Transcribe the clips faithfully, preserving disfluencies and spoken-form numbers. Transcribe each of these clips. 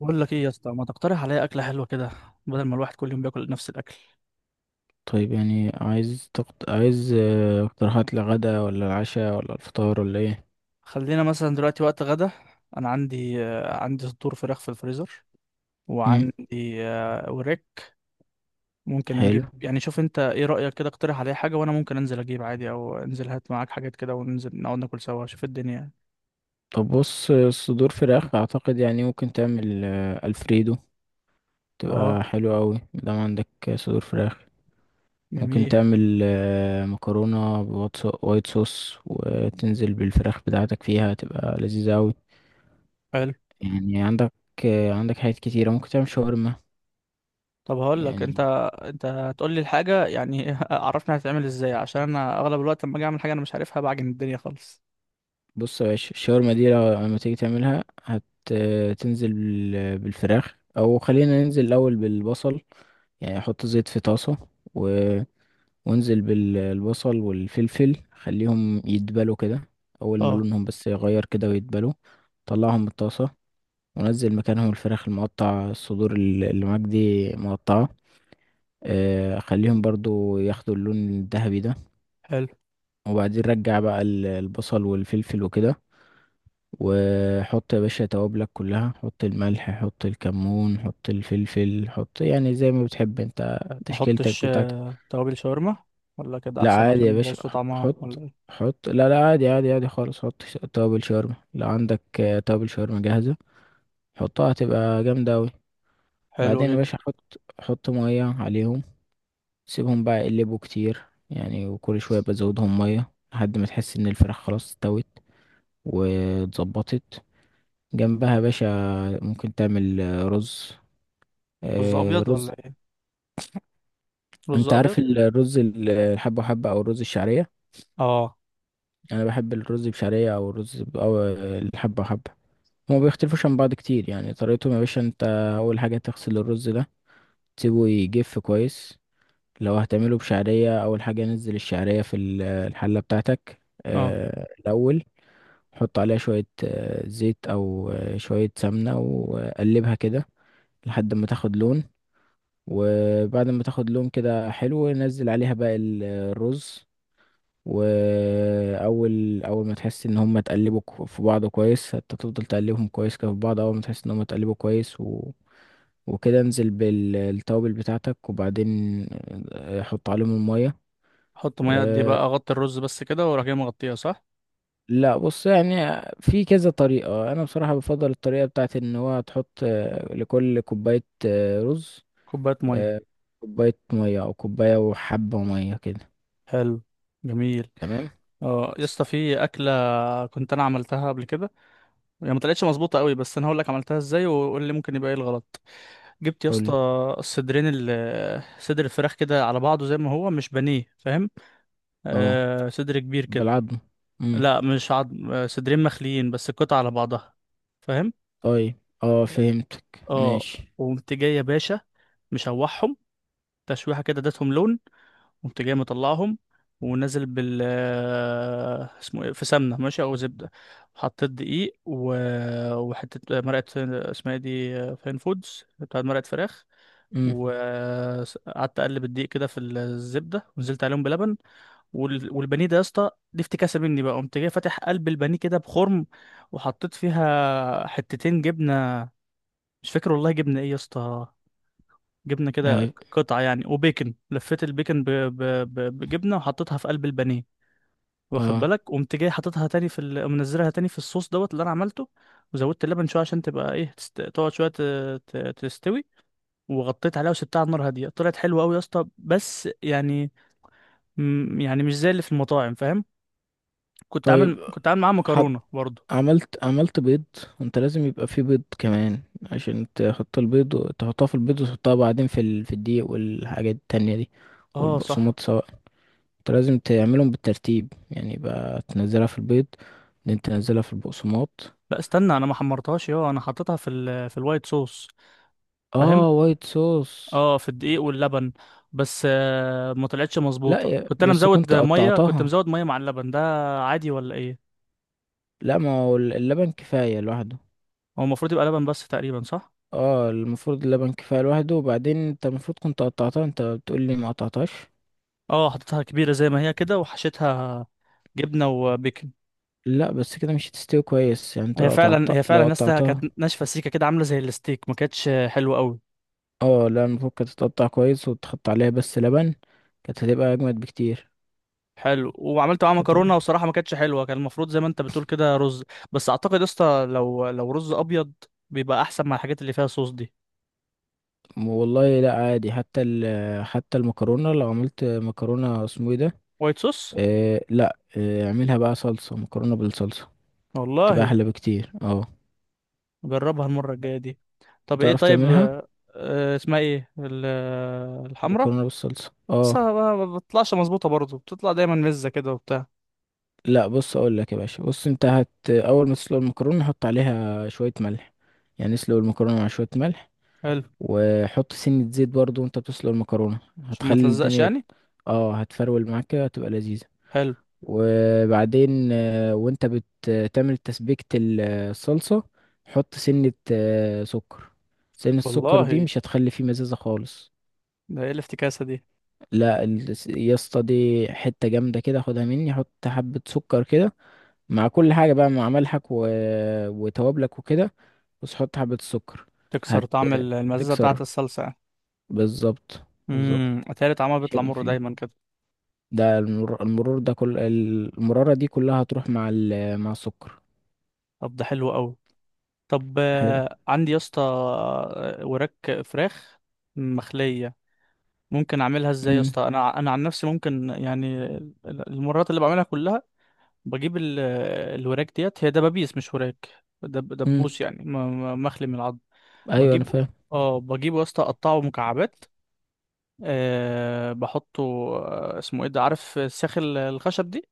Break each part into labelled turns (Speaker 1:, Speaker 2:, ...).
Speaker 1: بقول لك ايه يا اسطى، ما تقترح عليا اكله حلوه كده؟ بدل ما الواحد كل يوم بياكل نفس الاكل.
Speaker 2: طيب، يعني عايز تقط... عايز آه، اقتراحات لغدا ولا العشاء ولا الفطار ولا ايه؟
Speaker 1: خلينا مثلا دلوقتي وقت غدا. انا عندي آه، عندي صدور فراخ في الفريزر،
Speaker 2: مم.
Speaker 1: وعندي آه، وراك. ممكن
Speaker 2: حلو.
Speaker 1: اجيب، يعني شوف انت ايه رايك كده، اقترح عليا حاجه وانا ممكن انزل اجيب عادي، او انزل هات معاك حاجات كده وننزل نقعد ناكل سوا، شوف الدنيا يعني.
Speaker 2: طب بص، آه، صدور فراخ اعتقد يعني ممكن تعمل آه، الفريدو. تبقى
Speaker 1: اه،
Speaker 2: حلوة قوي مادام عندك آه، صدور فراخ. ممكن
Speaker 1: جميل.
Speaker 2: تعمل آه، مكرونة بوايت صو- وايت صوص وتنزل بالفراخ بتاعتك فيها، تبقى لذيذة قوي.
Speaker 1: حلو.
Speaker 2: يعني عندك، آه، عندك حاجات كتيرة، ممكن تعمل شاورما.
Speaker 1: طب هقول لك انت،
Speaker 2: يعني.
Speaker 1: انت هتقول لي الحاجه يعني عرفني هتتعمل ازاي، عشان انا اغلب الوقت لما اجي اعمل حاجه انا مش عارفها بعجن الدنيا خالص.
Speaker 2: بص يا باشا، الشاورما دي لو لما تيجي تعملها هتنزل بالفراخ، او خلينا ننزل الاول بالبصل. يعني احط زيت في طاسة و... وانزل بالبصل والفلفل، خليهم يدبلوا كده. اول ما
Speaker 1: اه،
Speaker 2: لونهم بس يغير كده ويدبلوا، طلعهم من الطاسة ونزل مكانهم الفراخ المقطع، الصدور ال- اللي معاك دي مقطعة. آه، خليهم برضو ياخدوا اللون الذهبي ده.
Speaker 1: حلو.
Speaker 2: وبعدين رجع بقى ال- البصل والفلفل وكده، وحط يا باشا توابلك كلها. حط الملح، حط الكمون، حط الفلفل، حط يعني زي ما بتحب انت،
Speaker 1: ما
Speaker 2: تشكيلتك
Speaker 1: احطش
Speaker 2: بتاعتك.
Speaker 1: توابل شاورما ولا كده
Speaker 2: لا،
Speaker 1: احسن
Speaker 2: عادي يا
Speaker 1: عشان
Speaker 2: باشا،
Speaker 1: بوظ طعمها ولا
Speaker 2: حط
Speaker 1: ايه؟
Speaker 2: حط لا لا، عادي عادي عادي خالص. حط ش- توابل شاورما. لو عندك آه، توابل شاورما جاهزة حطها، هتبقى جامدة أوي.
Speaker 1: حلو
Speaker 2: بعدين يا
Speaker 1: جدا.
Speaker 2: باشا حط حط مية عليهم، سيبهم بقى يقلبوا كتير يعني، وكل شوية بزودهم مية لحد ما تحس إن الفراخ خلاص استوت واتظبطت. جنبها يا باشا ممكن تعمل آه، رز
Speaker 1: رز
Speaker 2: آه،
Speaker 1: ابيض ولا
Speaker 2: رز.
Speaker 1: ايه؟ رز
Speaker 2: انت
Speaker 1: ابيض.
Speaker 2: عارف الرز، ال- الحبة وحبة، او الرز الشعرية.
Speaker 1: اه.
Speaker 2: انا بحب الرز بشعرية، او الرز ب... او آه، الحبة وحبة. هما بيختلفوش عن بعض كتير يعني. طريقتهم يا باشا: انت اول حاجة تغسل الرز ده، تسيبه يجف كويس. لو هتعمله بشعرية اول حاجة نزل الشعرية في ال- الحلة بتاعتك
Speaker 1: اه.
Speaker 2: آه، الاول. حط عليها شوية آه، زيت او آه، شوية سمنة وقلبها كده لحد ما تاخد لون. وبعد ما تاخد لون كده حلو نزل عليها بقى ال- الرز. واول اول ما تحس ان هم اتقلبوا كو- في بعض كويس، انت تفضل تقلبهم كويس كده في بعض. اول ما تحس ان هم اتقلبوا كويس و... وكده انزل بالتوابل بتاعتك، وبعدين آه، حط عليهم المية.
Speaker 1: حط ميه قد ايه
Speaker 2: أه.
Speaker 1: بقى، اغطي الرز بس كده واروح جاي مغطيها صح؟
Speaker 2: لا، بص يعني في كذا طريقة. انا بصراحة بفضل الطريقة بتاعت ان هو تحط آه، لكل كوباية آه، رز
Speaker 1: كوبايه ميه.
Speaker 2: آه، كوباية مية، او كوباية وحبة مية كده.
Speaker 1: حلو. جميل.
Speaker 2: تمام.
Speaker 1: اه يا اسطى، في اكله كنت انا عملتها قبل كده، هي ما طلعتش مظبوطه قوي، بس انا هقول لك عملتها ازاي وقول لي ممكن يبقى ايه الغلط. جبت يا اسطى
Speaker 2: قولي.
Speaker 1: الصدرين ال- صدر الفراخ كده على بعضه زي ما هو، مش بانيه، فاهم؟
Speaker 2: اه.
Speaker 1: آه، صدر كبير كده.
Speaker 2: بالعظم.
Speaker 1: لا مش عظم، صدرين مخليين بس القطع على بعضها، فاهم.
Speaker 2: طيب، اه، فهمتك.
Speaker 1: اه.
Speaker 2: ماشي.
Speaker 1: وقمت جاي يا باشا مشوحهم تشويحه كده، اديتهم لون، قمت جاي مطلعهم ونازل بال آه، اسمه ايه، في سمنه ماشي او زبده، حطيت دقيق و... وحته مرقه، اسمها ايه دي، فين فودز بتاعت مرقه فراخ.
Speaker 2: امم.
Speaker 1: وقعدت اقلب الدقيق كده في الزبده، ونزلت عليهم بلبن. وال- والبانيه ده يا اسطى دي افتكاسه مني، بقى قمت جاي فاتح قلب البانيه كده بخرم، وحطيت فيها حتتين جبنه، مش فاكر والله جبنه ايه يا اسطى، جبنه كده
Speaker 2: هاي.
Speaker 1: ك- قطعه يعني، وبيكن، لفيت البيكن ب... ب... ب... بجبنه وحطيتها في قلب البانيه. واخد
Speaker 2: اه.
Speaker 1: بالك، قمت جاي حاططها تاني في ال... منزلها تاني في الصوص دوت اللي انا عملته، وزودت اللبن شويه عشان تبقى ايه، تست... تقعد شويه ت... ت... تستوي، وغطيت عليها وسبتها على النار هاديه. طلعت حلوه قوي يا اسطى، بس يعني م- يعني مش زي اللي في المطاعم، فاهم؟ كنت
Speaker 2: طيب،
Speaker 1: عامل كنت عامل معاها
Speaker 2: حط.
Speaker 1: مكرونه برضو.
Speaker 2: عملت عملت بيض. انت لازم يبقى فيه بيض كمان، عشان تحط البيض وتحطها في البيض وتحطها بعدين في ال... في الدقيق والحاجات التانية دي،
Speaker 1: اه صح.
Speaker 2: والبقسماط سواء. انت لازم تعملهم بالترتيب، يعني يبقى تنزلها في البيض، بعدين تنزلها في البقسماط.
Speaker 1: لا استنى، انا ما حمرتهاش، اه انا حطيتها في ال... في الوايت صوص، فاهم؟
Speaker 2: اه، وايت صوص.
Speaker 1: اه، في الدقيق واللبن بس. آه ما طلعتش
Speaker 2: لا
Speaker 1: مظبوطه،
Speaker 2: يا-
Speaker 1: كنت انا
Speaker 2: بس
Speaker 1: مزود
Speaker 2: كنت
Speaker 1: ميه، كنت
Speaker 2: قطعتها.
Speaker 1: مزود ميه مع اللبن ده عادي ولا ايه؟
Speaker 2: لا، ما هو اللبن كفاية لوحده.
Speaker 1: هو المفروض يبقى لبن بس تقريبا، صح؟
Speaker 2: اه، المفروض اللبن كفاية لوحده. وبعدين انت المفروض كنت قطعتها، انت بتقول لي ما قطعتهاش.
Speaker 1: اه، حطيتها كبيره زي ما هي كده وحشيتها جبنه وبيكن.
Speaker 2: لا، بس كده مش هتستوي كويس يعني. انت
Speaker 1: هي
Speaker 2: لو
Speaker 1: فعلا
Speaker 2: قطعتها،
Speaker 1: هي
Speaker 2: لو
Speaker 1: فعلا يا اسطى
Speaker 2: قطعتها.
Speaker 1: كانت ناشفه سيكه كده، عامله زي الستيك، ما كانتش حلوه قوي.
Speaker 2: اه لا، المفروض كانت تتقطع كويس وتحط عليها بس لبن. كانت هتبقى اجمد بكتير.
Speaker 1: حلو. وعملت معاها
Speaker 2: كانت.
Speaker 1: مكرونه، وصراحه ما كانتش حلوه، كان المفروض زي ما انت بتقول كده رز. بس اعتقد يا اسطى، لو لو رز ابيض بيبقى احسن مع الحاجات اللي فيها صوص دي.
Speaker 2: والله لا، عادي. حتى ال... حتى المكرونة، لو عملت مكرونة اسمه ايه ده.
Speaker 1: وايت صوص.
Speaker 2: آه لا آه اعملها بقى صلصة. مكرونة بالصلصة تبقى
Speaker 1: والله.
Speaker 2: احلى بكتير، اه.
Speaker 1: جربها المره الجايه دي. طب ايه،
Speaker 2: تعرف
Speaker 1: طيب
Speaker 2: تعملها.
Speaker 1: آه، آه، اسمها ايه ال- آه، الحمرا؟
Speaker 2: مكرونة بالصلصة،
Speaker 1: بس
Speaker 2: اه.
Speaker 1: ما ما بتطلعش مظبوطه برضه، بتطلع دايما مزه كده وبتاع.
Speaker 2: لا بص، اقول لك يا باشا. بص انت هت اول ما تسلق المكرونه حط عليها شويه ملح، يعني اسلق المكرونه مع شويه ملح.
Speaker 1: حلو.
Speaker 2: وحط سنه زيت برضو، وانت بتسلق المكرونه
Speaker 1: عشان ما
Speaker 2: هتخلي
Speaker 1: تلزقش
Speaker 2: الدنيا،
Speaker 1: يعني؟
Speaker 2: اه، هتفرول معاك كده، هتبقى لذيذه.
Speaker 1: حلو.
Speaker 2: وبعدين آه، وانت بتعمل تسبيكه ال- الصلصه، حط سنه آه، سكر. سنه السكر دي
Speaker 1: والله،
Speaker 2: مش هتخلي فيه مزازه خالص.
Speaker 1: ده ايه الافتكاسه دي؟
Speaker 2: لا ال- يا اسطى دي حته جامده كده، خدها مني. حط حبه سكر كده مع كل حاجة بقى، مع ملحك و... وتوابلك وكده، بس حط حبة السكر.
Speaker 1: تكسر
Speaker 2: هت...
Speaker 1: طعم ال- المزازه بتاعه
Speaker 2: هتكسر
Speaker 1: الصلصه يعني؟
Speaker 2: بالظبط. بالظبط.
Speaker 1: امم اتهيألي طعمها
Speaker 2: مش
Speaker 1: بيطلع
Speaker 2: هيبقى
Speaker 1: مر
Speaker 2: فيه.
Speaker 1: دايما كده.
Speaker 2: ده المر... المرور ده، كل المرارة دي كلها هتروح مع ال... مع السكر.
Speaker 1: طب ده حلو قوي. طب
Speaker 2: حلو.
Speaker 1: آه، عندي يا اسطى آه، وراك فراخ مخلية، ممكن اعملها ازاي يا
Speaker 2: امم،
Speaker 1: اسطى؟ انا انا عن نفسي ممكن يعني، المرات اللي بعملها كلها بجيب ال- الوراك ديت، هي دبابيس مش وراك، دب
Speaker 2: امم.
Speaker 1: دبوس يعني، م- م- مخلي من العظم.
Speaker 2: ايوه انا
Speaker 1: بجيب،
Speaker 2: فاهم.
Speaker 1: اه بجيبه يا اسطى اقطعه مكعبات. أه بحطه، آه، اسمه ايه ده، عارف الساخ ال- الخشب دي.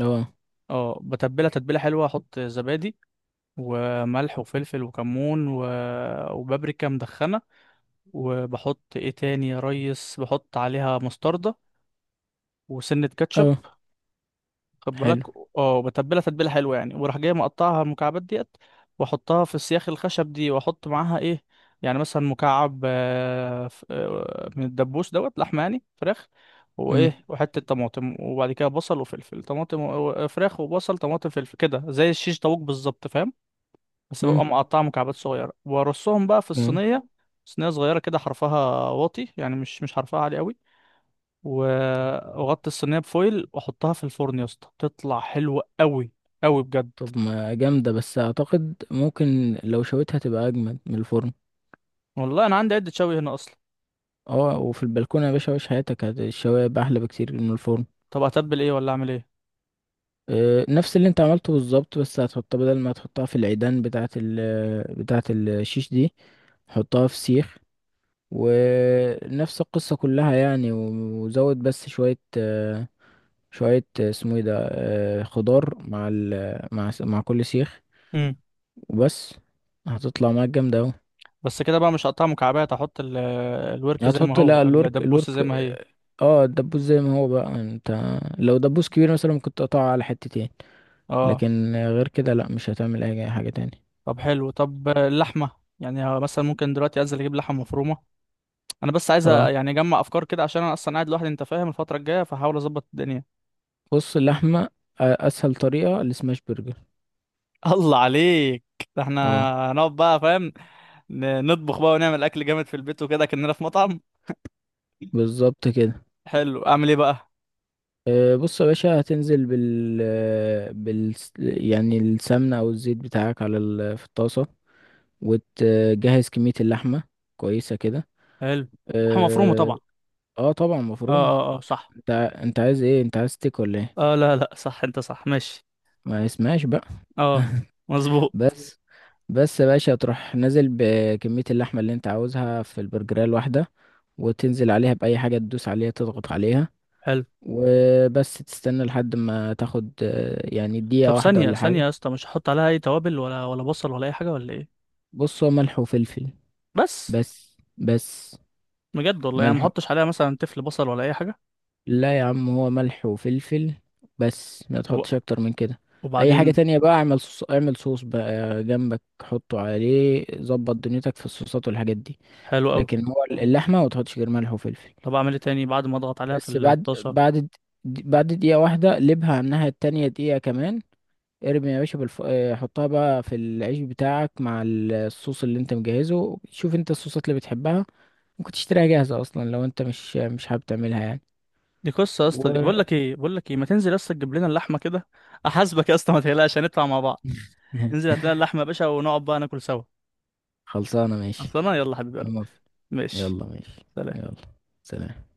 Speaker 2: اه.
Speaker 1: اه، بتبلها تتبيله حلوه، احط زبادي وملح وفلفل وكمون و... وبابريكا مدخنه. وبحط ايه تاني يا ريس، بحط عليها مستردة وسنة كاتشب،
Speaker 2: اه،
Speaker 1: خد بالك.
Speaker 2: حلو.
Speaker 1: اه، وبتبلها تتبيلة حلوة يعني، وراح جاي مقطعها المكعبات ديت واحطها في السياخ الخشب دي، واحط معاها ايه، يعني مثلا مكعب آه، ف- آه، من الدبوس دوت لحمة يعني فراخ،
Speaker 2: امم،
Speaker 1: وايه، وحتة طماطم، وبعد كده بصل وفلفل طماطم و- و- فراخ وبصل طماطم فلفل، كده زي الشيش طاووق بالظبط، فاهم؟ بس
Speaker 2: امم.
Speaker 1: ببقى مقطعة مكعبات صغيرة، وارصهم بقى في
Speaker 2: جامد.
Speaker 1: الصينية، صينية صغيرة كده حرفها واطي يعني، مش مش حرفها عالي قوي، و- واغطي الصينية بفويل واحطها في الفرن يا اسطى، تطلع حلوة قوي قوي بجد.
Speaker 2: طب، ما جامدة، بس اعتقد ممكن لو شويتها تبقى اجمد من الفرن.
Speaker 1: والله انا عندي عدة شوي هنا اصلا.
Speaker 2: اه، وفي البلكونة يا باشا عيش حياتك. هت- الشوايه بقى احلى بكتير من الفرن.
Speaker 1: طب اتبل ايه، ولا اعمل ايه؟
Speaker 2: آه، نفس اللي انت عملته بالظبط، بس هتحطها بدل ما تحطها في العيدان بتاعة ال بتاعة الشيش دي، حطها في سيخ. ونفس القصة كلها يعني، و- وزود بس شوية آه، شوية آه، اسمه ايه ده آه، خضار مع ال مع س- مع كل سيخ.
Speaker 1: امم.
Speaker 2: وبس. هتطلع معاك جامدة اوي.
Speaker 1: بس كده بقى؟ مش هقطعها مكعبات، احط ال- الورك زي ما
Speaker 2: هتحط، لا،
Speaker 1: هو،
Speaker 2: الورك
Speaker 1: الدبوسة
Speaker 2: الورك
Speaker 1: زي ما هي.
Speaker 2: اه. آه، الدبوس زي ما هو بقى. انت لو دبوس كبير مثلا ممكن تقطعه على حتتين.
Speaker 1: اه.
Speaker 2: لكن آه، غير كده لا، مش هتعمل اي حاجة تاني.
Speaker 1: طب حلو. طب اللحمة، يعني مثلا ممكن دلوقتي انزل اجيب لحمة مفرومة، انا بس عايز أ-
Speaker 2: اه.
Speaker 1: يعني اجمع افكار كده، عشان انا اصلا قاعد لوحدي، انت فاهم، الفترة الجاية، فحاول اظبط الدنيا.
Speaker 2: بص، اللحمة أ- أسهل طريقة السماش برجر.
Speaker 1: الله عليك، ده احنا
Speaker 2: اه
Speaker 1: هنقعد بقى، فاهم، ن- نطبخ بقى ونعمل اكل جامد في البيت وكده، كأننا في مطعم.
Speaker 2: بالظبط كده.
Speaker 1: حلو، اعمل ايه بقى؟
Speaker 2: آه، بص يا باشا، هتنزل بال بال يعني السمنة أو الزيت بتاعك على ال... في الطاسة، وتجهز كمية اللحمة كويسة كده.
Speaker 1: حلو. لحمه مفرومه
Speaker 2: اه.
Speaker 1: طبعا.
Speaker 2: آه طبعا
Speaker 1: اه،
Speaker 2: مفرومة.
Speaker 1: اه، اه، صح.
Speaker 2: انت ع- انت عايز ايه؟ انت عايز تيك ولا ايه؟
Speaker 1: اه، لا لا، صح، انت صح، ماشي.
Speaker 2: ما اسمهاش بقى.
Speaker 1: اه. مظبوط.
Speaker 2: بس. بس يا باشا تروح نازل بكمية اللحمة اللي انت عاوزها في البرجرية الواحدة، وتنزل عليها بأي حاجة تدوس عليها، تضغط عليها.
Speaker 1: حلو.
Speaker 2: وبس تستنى لحد ما تاخد، آه، يعني دقيقة
Speaker 1: طب
Speaker 2: واحدة
Speaker 1: ثانيه
Speaker 2: ولا
Speaker 1: ثانيه
Speaker 2: حاجة.
Speaker 1: يا اسطى، مش هحط عليها اي توابل، ولا ولا بصل ولا اي حاجه ولا ايه؟
Speaker 2: بص، هو ملح وفلفل
Speaker 1: بس؟
Speaker 2: بس. بس
Speaker 1: بجد والله؟ يعني ما
Speaker 2: ملح و-
Speaker 1: احطش عليها مثلا تفل بصل ولا اي حاجه؟
Speaker 2: لا يا عم، هو ملح وفلفل بس، ما
Speaker 1: طب،
Speaker 2: تحطش اكتر من كده. اي حاجة
Speaker 1: وبعدين؟
Speaker 2: تانية بقى اعمل صوص، اعمل صوص بقى جنبك، حطه عليه، ظبط دنيتك في الصوصات والحاجات دي.
Speaker 1: حلو قوي.
Speaker 2: لكن هو اللحمة ما تحطش غير ملح وفلفل.
Speaker 1: طب اعمل ايه تاني بعد ما اضغط عليها في
Speaker 2: بس بعد،
Speaker 1: الطاسه؟
Speaker 2: بعد د- بعد دقيقة واحدة قلبها على الناحية التانية دقيقة كمان. ارمي يا باشا بالف... آه، حطها بقى في العيش بتاعك مع ال- الصوص اللي انت مجهزه. شوف انت الصوصات اللي بتحبها، ممكن تشتريها جاهزة اصلا لو انت مش مش حابب تعملها يعني
Speaker 1: دي قصة يا اسطى. دي بقول
Speaker 2: و...
Speaker 1: لك ايه بقول لك ايه ما تنزل يا اسطى تجيب لنا اللحمة كده، احاسبك يا اسطى، ما تقلقش، هندفع مع بعض. انزل هات لنا اللحمة يا باشا، ونقعد بقى ناكل سوا.
Speaker 2: خلصانة ماشي.
Speaker 1: اصل انا، يلا حبيب
Speaker 2: انا
Speaker 1: قلبي.
Speaker 2: موافق.
Speaker 1: ماشي.
Speaker 2: يلا ماشي.
Speaker 1: سلام.
Speaker 2: يلا. سلام.